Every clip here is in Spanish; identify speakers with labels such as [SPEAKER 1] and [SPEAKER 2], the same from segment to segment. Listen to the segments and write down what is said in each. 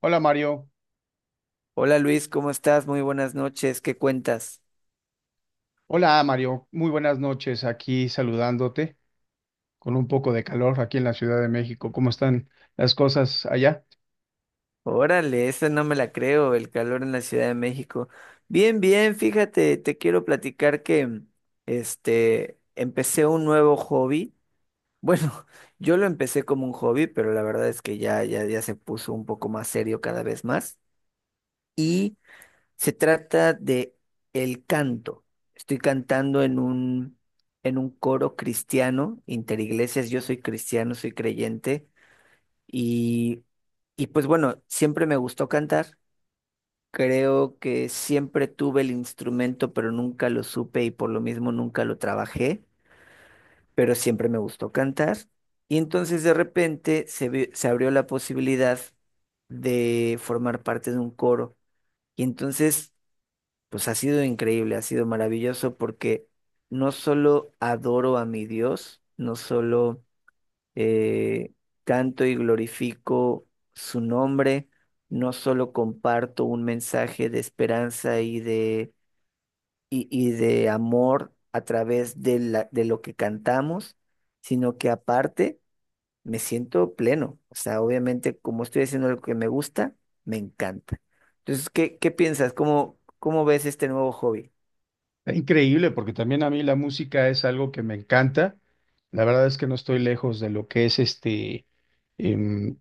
[SPEAKER 1] Hola Mario,
[SPEAKER 2] Hola Luis, ¿cómo estás? Muy buenas noches, ¿qué cuentas?
[SPEAKER 1] hola Mario, muy buenas noches aquí saludándote con un poco de calor aquí en la Ciudad de México. ¿Cómo están las cosas allá?
[SPEAKER 2] Órale, esa no me la creo, el calor en la Ciudad de México. Bien, bien, fíjate, te quiero platicar que empecé un nuevo hobby. Bueno, yo lo empecé como un hobby, pero la verdad es que ya se puso un poco más serio cada vez más y se trata de el canto. Estoy cantando en un coro cristiano, interiglesias. Yo soy cristiano, soy creyente. Y, y pues bueno, siempre me gustó cantar. Creo que siempre tuve el instrumento, pero nunca lo supe y por lo mismo nunca lo trabajé, pero siempre me gustó cantar. Y entonces de repente se abrió la posibilidad de formar parte de un coro. Y entonces, pues ha sido increíble, ha sido maravilloso porque no solo adoro a mi Dios, no solo eh, canto y glorifico su nombre, no solo comparto un mensaje de esperanza y de amor a través de de lo que cantamos, sino que aparte me siento pleno. O sea, obviamente como estoy haciendo lo que me gusta, me encanta. Entonces, ¿qué, qué piensas? ¿Cómo, cómo ves este nuevo hobby?
[SPEAKER 1] Está increíble porque también a mí la música es algo que me encanta. La verdad es que no estoy lejos de lo que es em,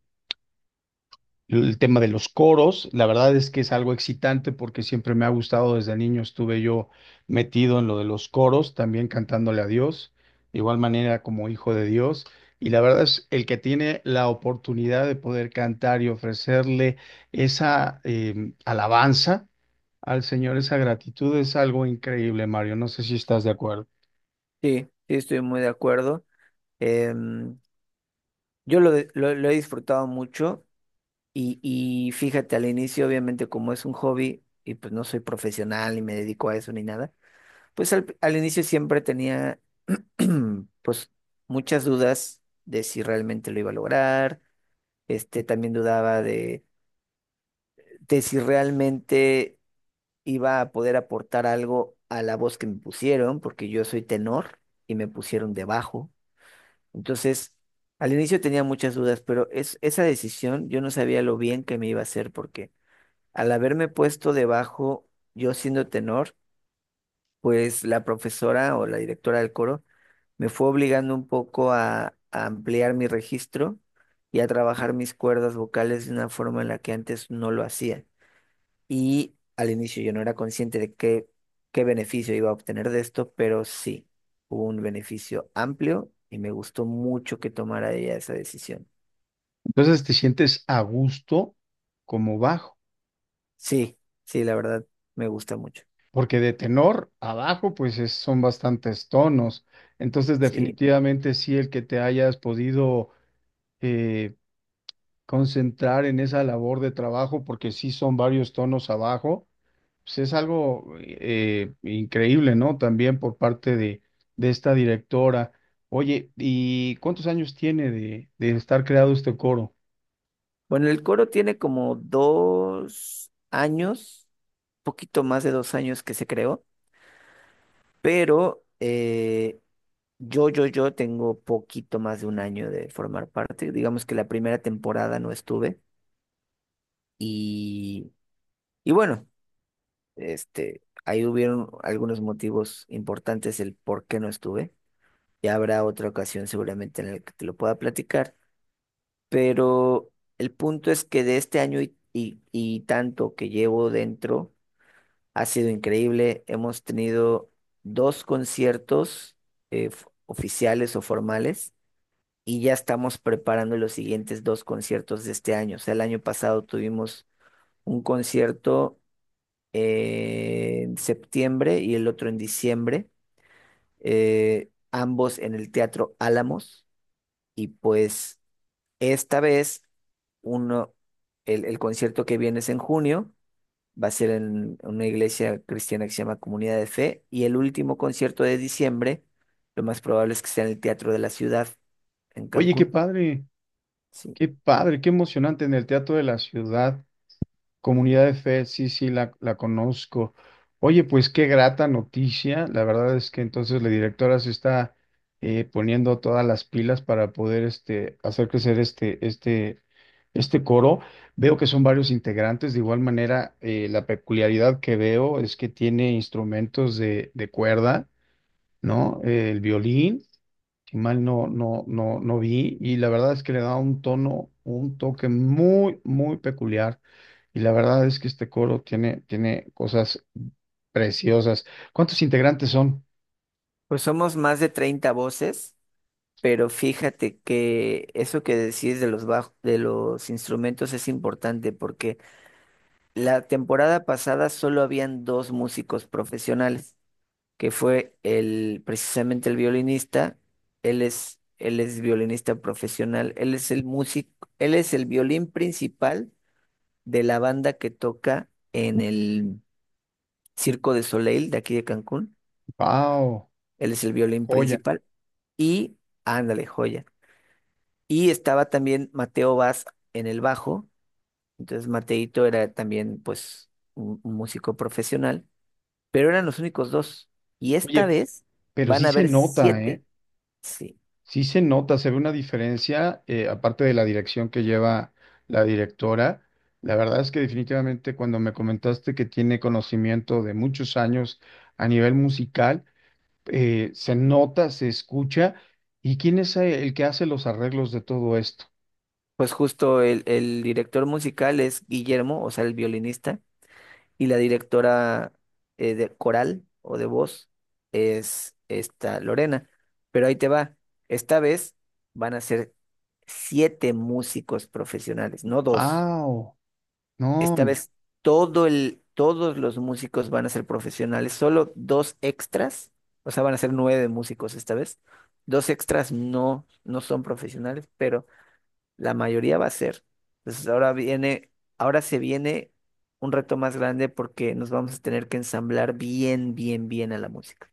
[SPEAKER 1] el tema de los coros. La verdad es que es algo excitante porque siempre me ha gustado. Desde niño estuve yo metido en lo de los coros, también cantándole a Dios, de igual manera como hijo de Dios. Y la verdad es el que tiene la oportunidad de poder cantar y ofrecerle esa alabanza al Señor, esa gratitud, es algo increíble, Mario. No sé si estás de acuerdo.
[SPEAKER 2] Sí, sí, estoy muy de acuerdo. Em, yo lo, lo he disfrutado mucho. Y fíjate, al inicio, obviamente, como es un hobby y pues no soy profesional ni me dedico a eso ni nada, pues al inicio siempre tenía pues muchas dudas de si realmente lo iba a lograr. También dudaba de si realmente iba a poder aportar algo a la voz que me pusieron, porque yo soy tenor y me pusieron de bajo. Entonces, al inicio tenía muchas dudas, pero es, esa decisión yo no sabía lo bien que me iba a hacer porque... Al haberme puesto debajo, yo siendo tenor, pues la profesora o la directora del coro me fue obligando un poco a ampliar mi registro y a trabajar mis cuerdas vocales de una forma en la que antes no lo hacía. Y al inicio yo no era consciente de qué, qué beneficio iba a obtener de esto, pero sí, hubo un beneficio amplio y me gustó mucho que tomara ella esa decisión.
[SPEAKER 1] Entonces te sientes a gusto como bajo.
[SPEAKER 2] Sí, sí, la verdad, me gusta mucho.
[SPEAKER 1] Porque de tenor abajo pues son bastantes tonos. Entonces
[SPEAKER 2] Sí.
[SPEAKER 1] definitivamente sí, el que te hayas podido eh, concentrar en esa labor de trabajo, porque sí son varios tonos abajo, pues es algo increíble, ¿no? También por parte de esta directora. Oye, ¿y cuántos años tiene de estar creado este coro?
[SPEAKER 2] Bueno, el coro tiene como dos años, poquito más de dos años que se creó, pero yo tengo poquito más de un año de formar parte. Digamos que la primera temporada no estuve y, y bueno, ahí hubieron algunos motivos importantes el por qué no estuve. Ya habrá otra ocasión seguramente en la que te lo pueda platicar, pero el punto es que de este año y tanto que llevo dentro, ha sido increíble. Hemos tenido dos conciertos oficiales o formales y ya estamos preparando los siguientes dos conciertos de este año. O sea, el año pasado tuvimos un concierto en septiembre y el otro en diciembre, ambos en el Teatro Álamos. Y pues esta vez uno, el concierto que viene es en junio. Va a ser en una iglesia cristiana que se llama Comunidad de Fe. Y el último concierto de diciembre, lo más probable es que sea en el Teatro de la Ciudad, en
[SPEAKER 1] Oye, qué
[SPEAKER 2] Cancún.
[SPEAKER 1] padre,
[SPEAKER 2] Sí.
[SPEAKER 1] qué padre, qué emocionante en el Teatro de la Ciudad. Comunidad de Fe, sí, sí, la conozco. Oye, pues qué grata noticia. La verdad es que entonces la directora se está poniendo todas las pilas para poder este, hacer crecer este coro. Veo que son varios integrantes. De igual manera, la peculiaridad que veo es que tiene instrumentos de cuerda, ¿no? El violín si mal no vi, y la verdad es que le da un tono, un toque muy, muy peculiar, y la verdad es que este coro tiene, tiene cosas preciosas. ¿Cuántos integrantes son?
[SPEAKER 2] Pues somos más de 30 voces, pero fíjate que eso que decides de los de los instrumentos es importante porque la temporada pasada solo habían dos músicos profesionales, que fue el, precisamente el violinista. Él es violinista profesional, él es el músico, él es el violín principal de la banda que toca en el Circo de Soleil de aquí de Cancún.
[SPEAKER 1] ¡Wow!
[SPEAKER 2] Él es el violín
[SPEAKER 1] Joya.
[SPEAKER 2] principal y, ándale, joya. Y estaba también Mateo Vaz en el bajo, entonces Mateito era también pues un músico profesional, pero eran los únicos dos. Y esta
[SPEAKER 1] Oye,
[SPEAKER 2] vez
[SPEAKER 1] pero
[SPEAKER 2] van
[SPEAKER 1] sí
[SPEAKER 2] a
[SPEAKER 1] se
[SPEAKER 2] haber
[SPEAKER 1] nota,
[SPEAKER 2] siete.
[SPEAKER 1] ¿eh?
[SPEAKER 2] Sí.
[SPEAKER 1] Sí se nota, se ve una diferencia, aparte de la dirección que lleva la directora. La verdad es que definitivamente cuando me comentaste que tiene conocimiento de muchos años a nivel musical, se nota, se escucha. ¿Y quién es el que hace los arreglos de todo esto?
[SPEAKER 2] Pues justo el director musical es Guillermo, o sea, el violinista, y la directora de coral o de voz es esta Lorena. Pero ahí te va, esta vez van a ser siete músicos profesionales, no dos.
[SPEAKER 1] Ah, oh, no,
[SPEAKER 2] Esta
[SPEAKER 1] hombre.
[SPEAKER 2] vez todos los músicos van a ser profesionales, solo dos extras, o sea, van a ser nueve músicos esta vez. Dos extras no, no son profesionales, pero la mayoría va a ser. Entonces ahora viene, ahora se viene un reto más grande porque nos vamos a tener que ensamblar bien, bien, bien a la música.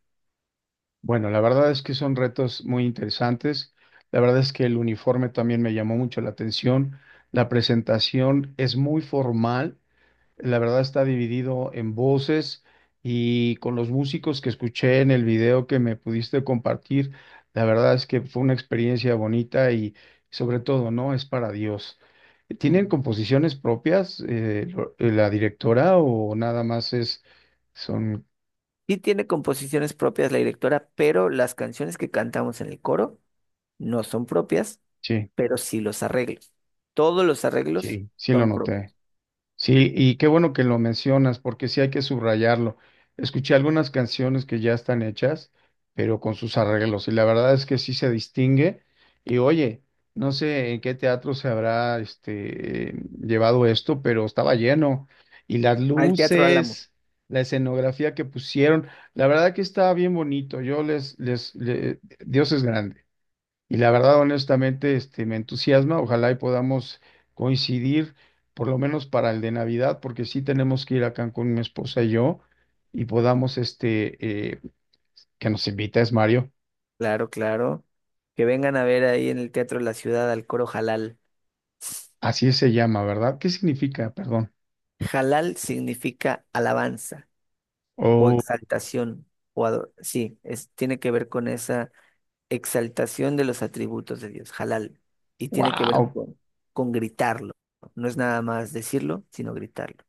[SPEAKER 1] Bueno, la verdad es que son retos muy interesantes. La verdad es que el uniforme también me llamó mucho la atención. La presentación es muy formal. La verdad está dividido en voces, y con los músicos que escuché en el video que me pudiste compartir, la verdad es que fue una experiencia bonita, y sobre todo, ¿no?, es para Dios. ¿Tienen
[SPEAKER 2] Mm.
[SPEAKER 1] composiciones propias, la directora, o nada más es, son,
[SPEAKER 2] Sí tiene composiciones propias la directora, pero las canciones que cantamos en el coro no son propias,
[SPEAKER 1] sí,
[SPEAKER 2] pero sí los arreglos. Todos los arreglos
[SPEAKER 1] sí, sí lo
[SPEAKER 2] son
[SPEAKER 1] noté?
[SPEAKER 2] propios.
[SPEAKER 1] Sí, y qué bueno que lo mencionas, porque sí hay que subrayarlo. Escuché algunas canciones que ya están hechas, pero con sus arreglos, y la verdad es que sí se distingue. Y oye, no sé en qué teatro se habrá este, llevado esto, pero estaba lleno. Y las
[SPEAKER 2] Al Teatro Álamo.
[SPEAKER 1] luces, la escenografía que pusieron, la verdad que estaba bien bonito. Yo les, les, le- Dios es grande. Y la verdad, honestamente, este, me entusiasma. Ojalá y podamos coincidir, por lo menos para el de Navidad, porque sí tenemos que ir a Cancún, mi esposa y yo, y podamos, este, que nos invita es Mario.
[SPEAKER 2] Claro, claro. Que vengan a ver ahí en el Teatro de la Ciudad al coro Jalal.
[SPEAKER 1] Así se llama, ¿verdad? ¿Qué significa? Perdón.
[SPEAKER 2] Jalal significa alabanza, o
[SPEAKER 1] Oh,
[SPEAKER 2] exaltación, sí, es, tiene que ver con esa exaltación de los atributos de Dios, halal, y tiene que ver
[SPEAKER 1] wow,
[SPEAKER 2] con gritarlo. No es nada más decirlo, sino gritarlo.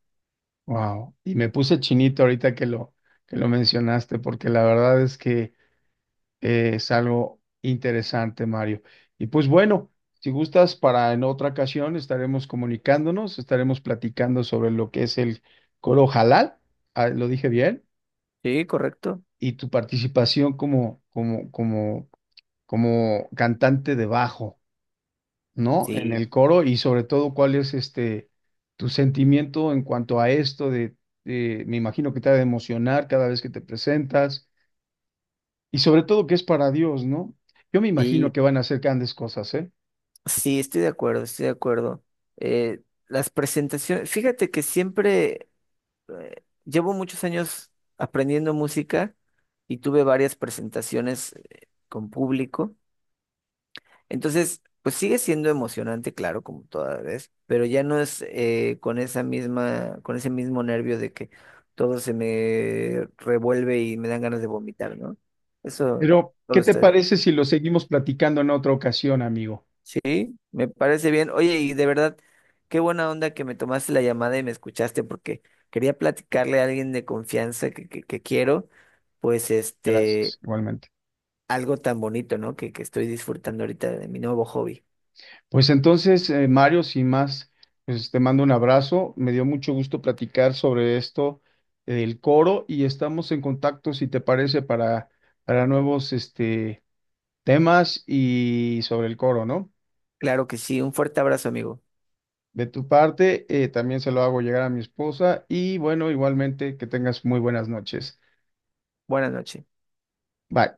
[SPEAKER 1] wow. Y me puse chinito ahorita que que lo mencionaste, porque la verdad es que es algo interesante, Mario. Y pues bueno, si gustas, para en otra ocasión estaremos comunicándonos, estaremos platicando sobre lo que es el coro halal, ah, lo dije bien,
[SPEAKER 2] Sí, correcto.
[SPEAKER 1] y tu participación como cantante de bajo, ¿no? En
[SPEAKER 2] Sí,
[SPEAKER 1] el coro, y sobre todo cuál es este tu sentimiento en cuanto a esto me imagino que te ha de emocionar cada vez que te presentas. Y sobre todo que es para Dios, ¿no? Yo me imagino
[SPEAKER 2] sí,
[SPEAKER 1] que van a hacer grandes cosas, ¿eh?
[SPEAKER 2] sí, estoy de acuerdo, estoy de acuerdo. Eh, las presentaciones, fíjate que siempre llevo muchos años aprendiendo música y tuve varias presentaciones con público. Entonces, pues sigue siendo emocionante, claro, como toda vez, pero ya no es con esa misma, con ese mismo nervio de que todo se me revuelve y me dan ganas de vomitar, ¿no? Eso
[SPEAKER 1] Pero,
[SPEAKER 2] todo
[SPEAKER 1] ¿qué te
[SPEAKER 2] está bien.
[SPEAKER 1] parece si lo seguimos platicando en otra ocasión, amigo?
[SPEAKER 2] Sí, me parece bien. Oye, y de verdad, qué buena onda que me tomaste la llamada y me escuchaste porque quería platicarle a alguien de confianza que quiero, pues
[SPEAKER 1] Gracias, igualmente.
[SPEAKER 2] algo tan bonito, ¿no? Que estoy disfrutando ahorita de mi nuevo hobby.
[SPEAKER 1] Pues entonces, Mario, sin más, pues te mando un abrazo. Me dio mucho gusto platicar sobre esto del coro, y estamos en contacto, si te parece, para nuevos este, temas y sobre el coro, ¿no?
[SPEAKER 2] Claro que sí, un fuerte abrazo, amigo.
[SPEAKER 1] De tu parte, también se lo hago llegar a mi esposa y bueno, igualmente, que tengas muy buenas noches.
[SPEAKER 2] Buenas noches.
[SPEAKER 1] Bye.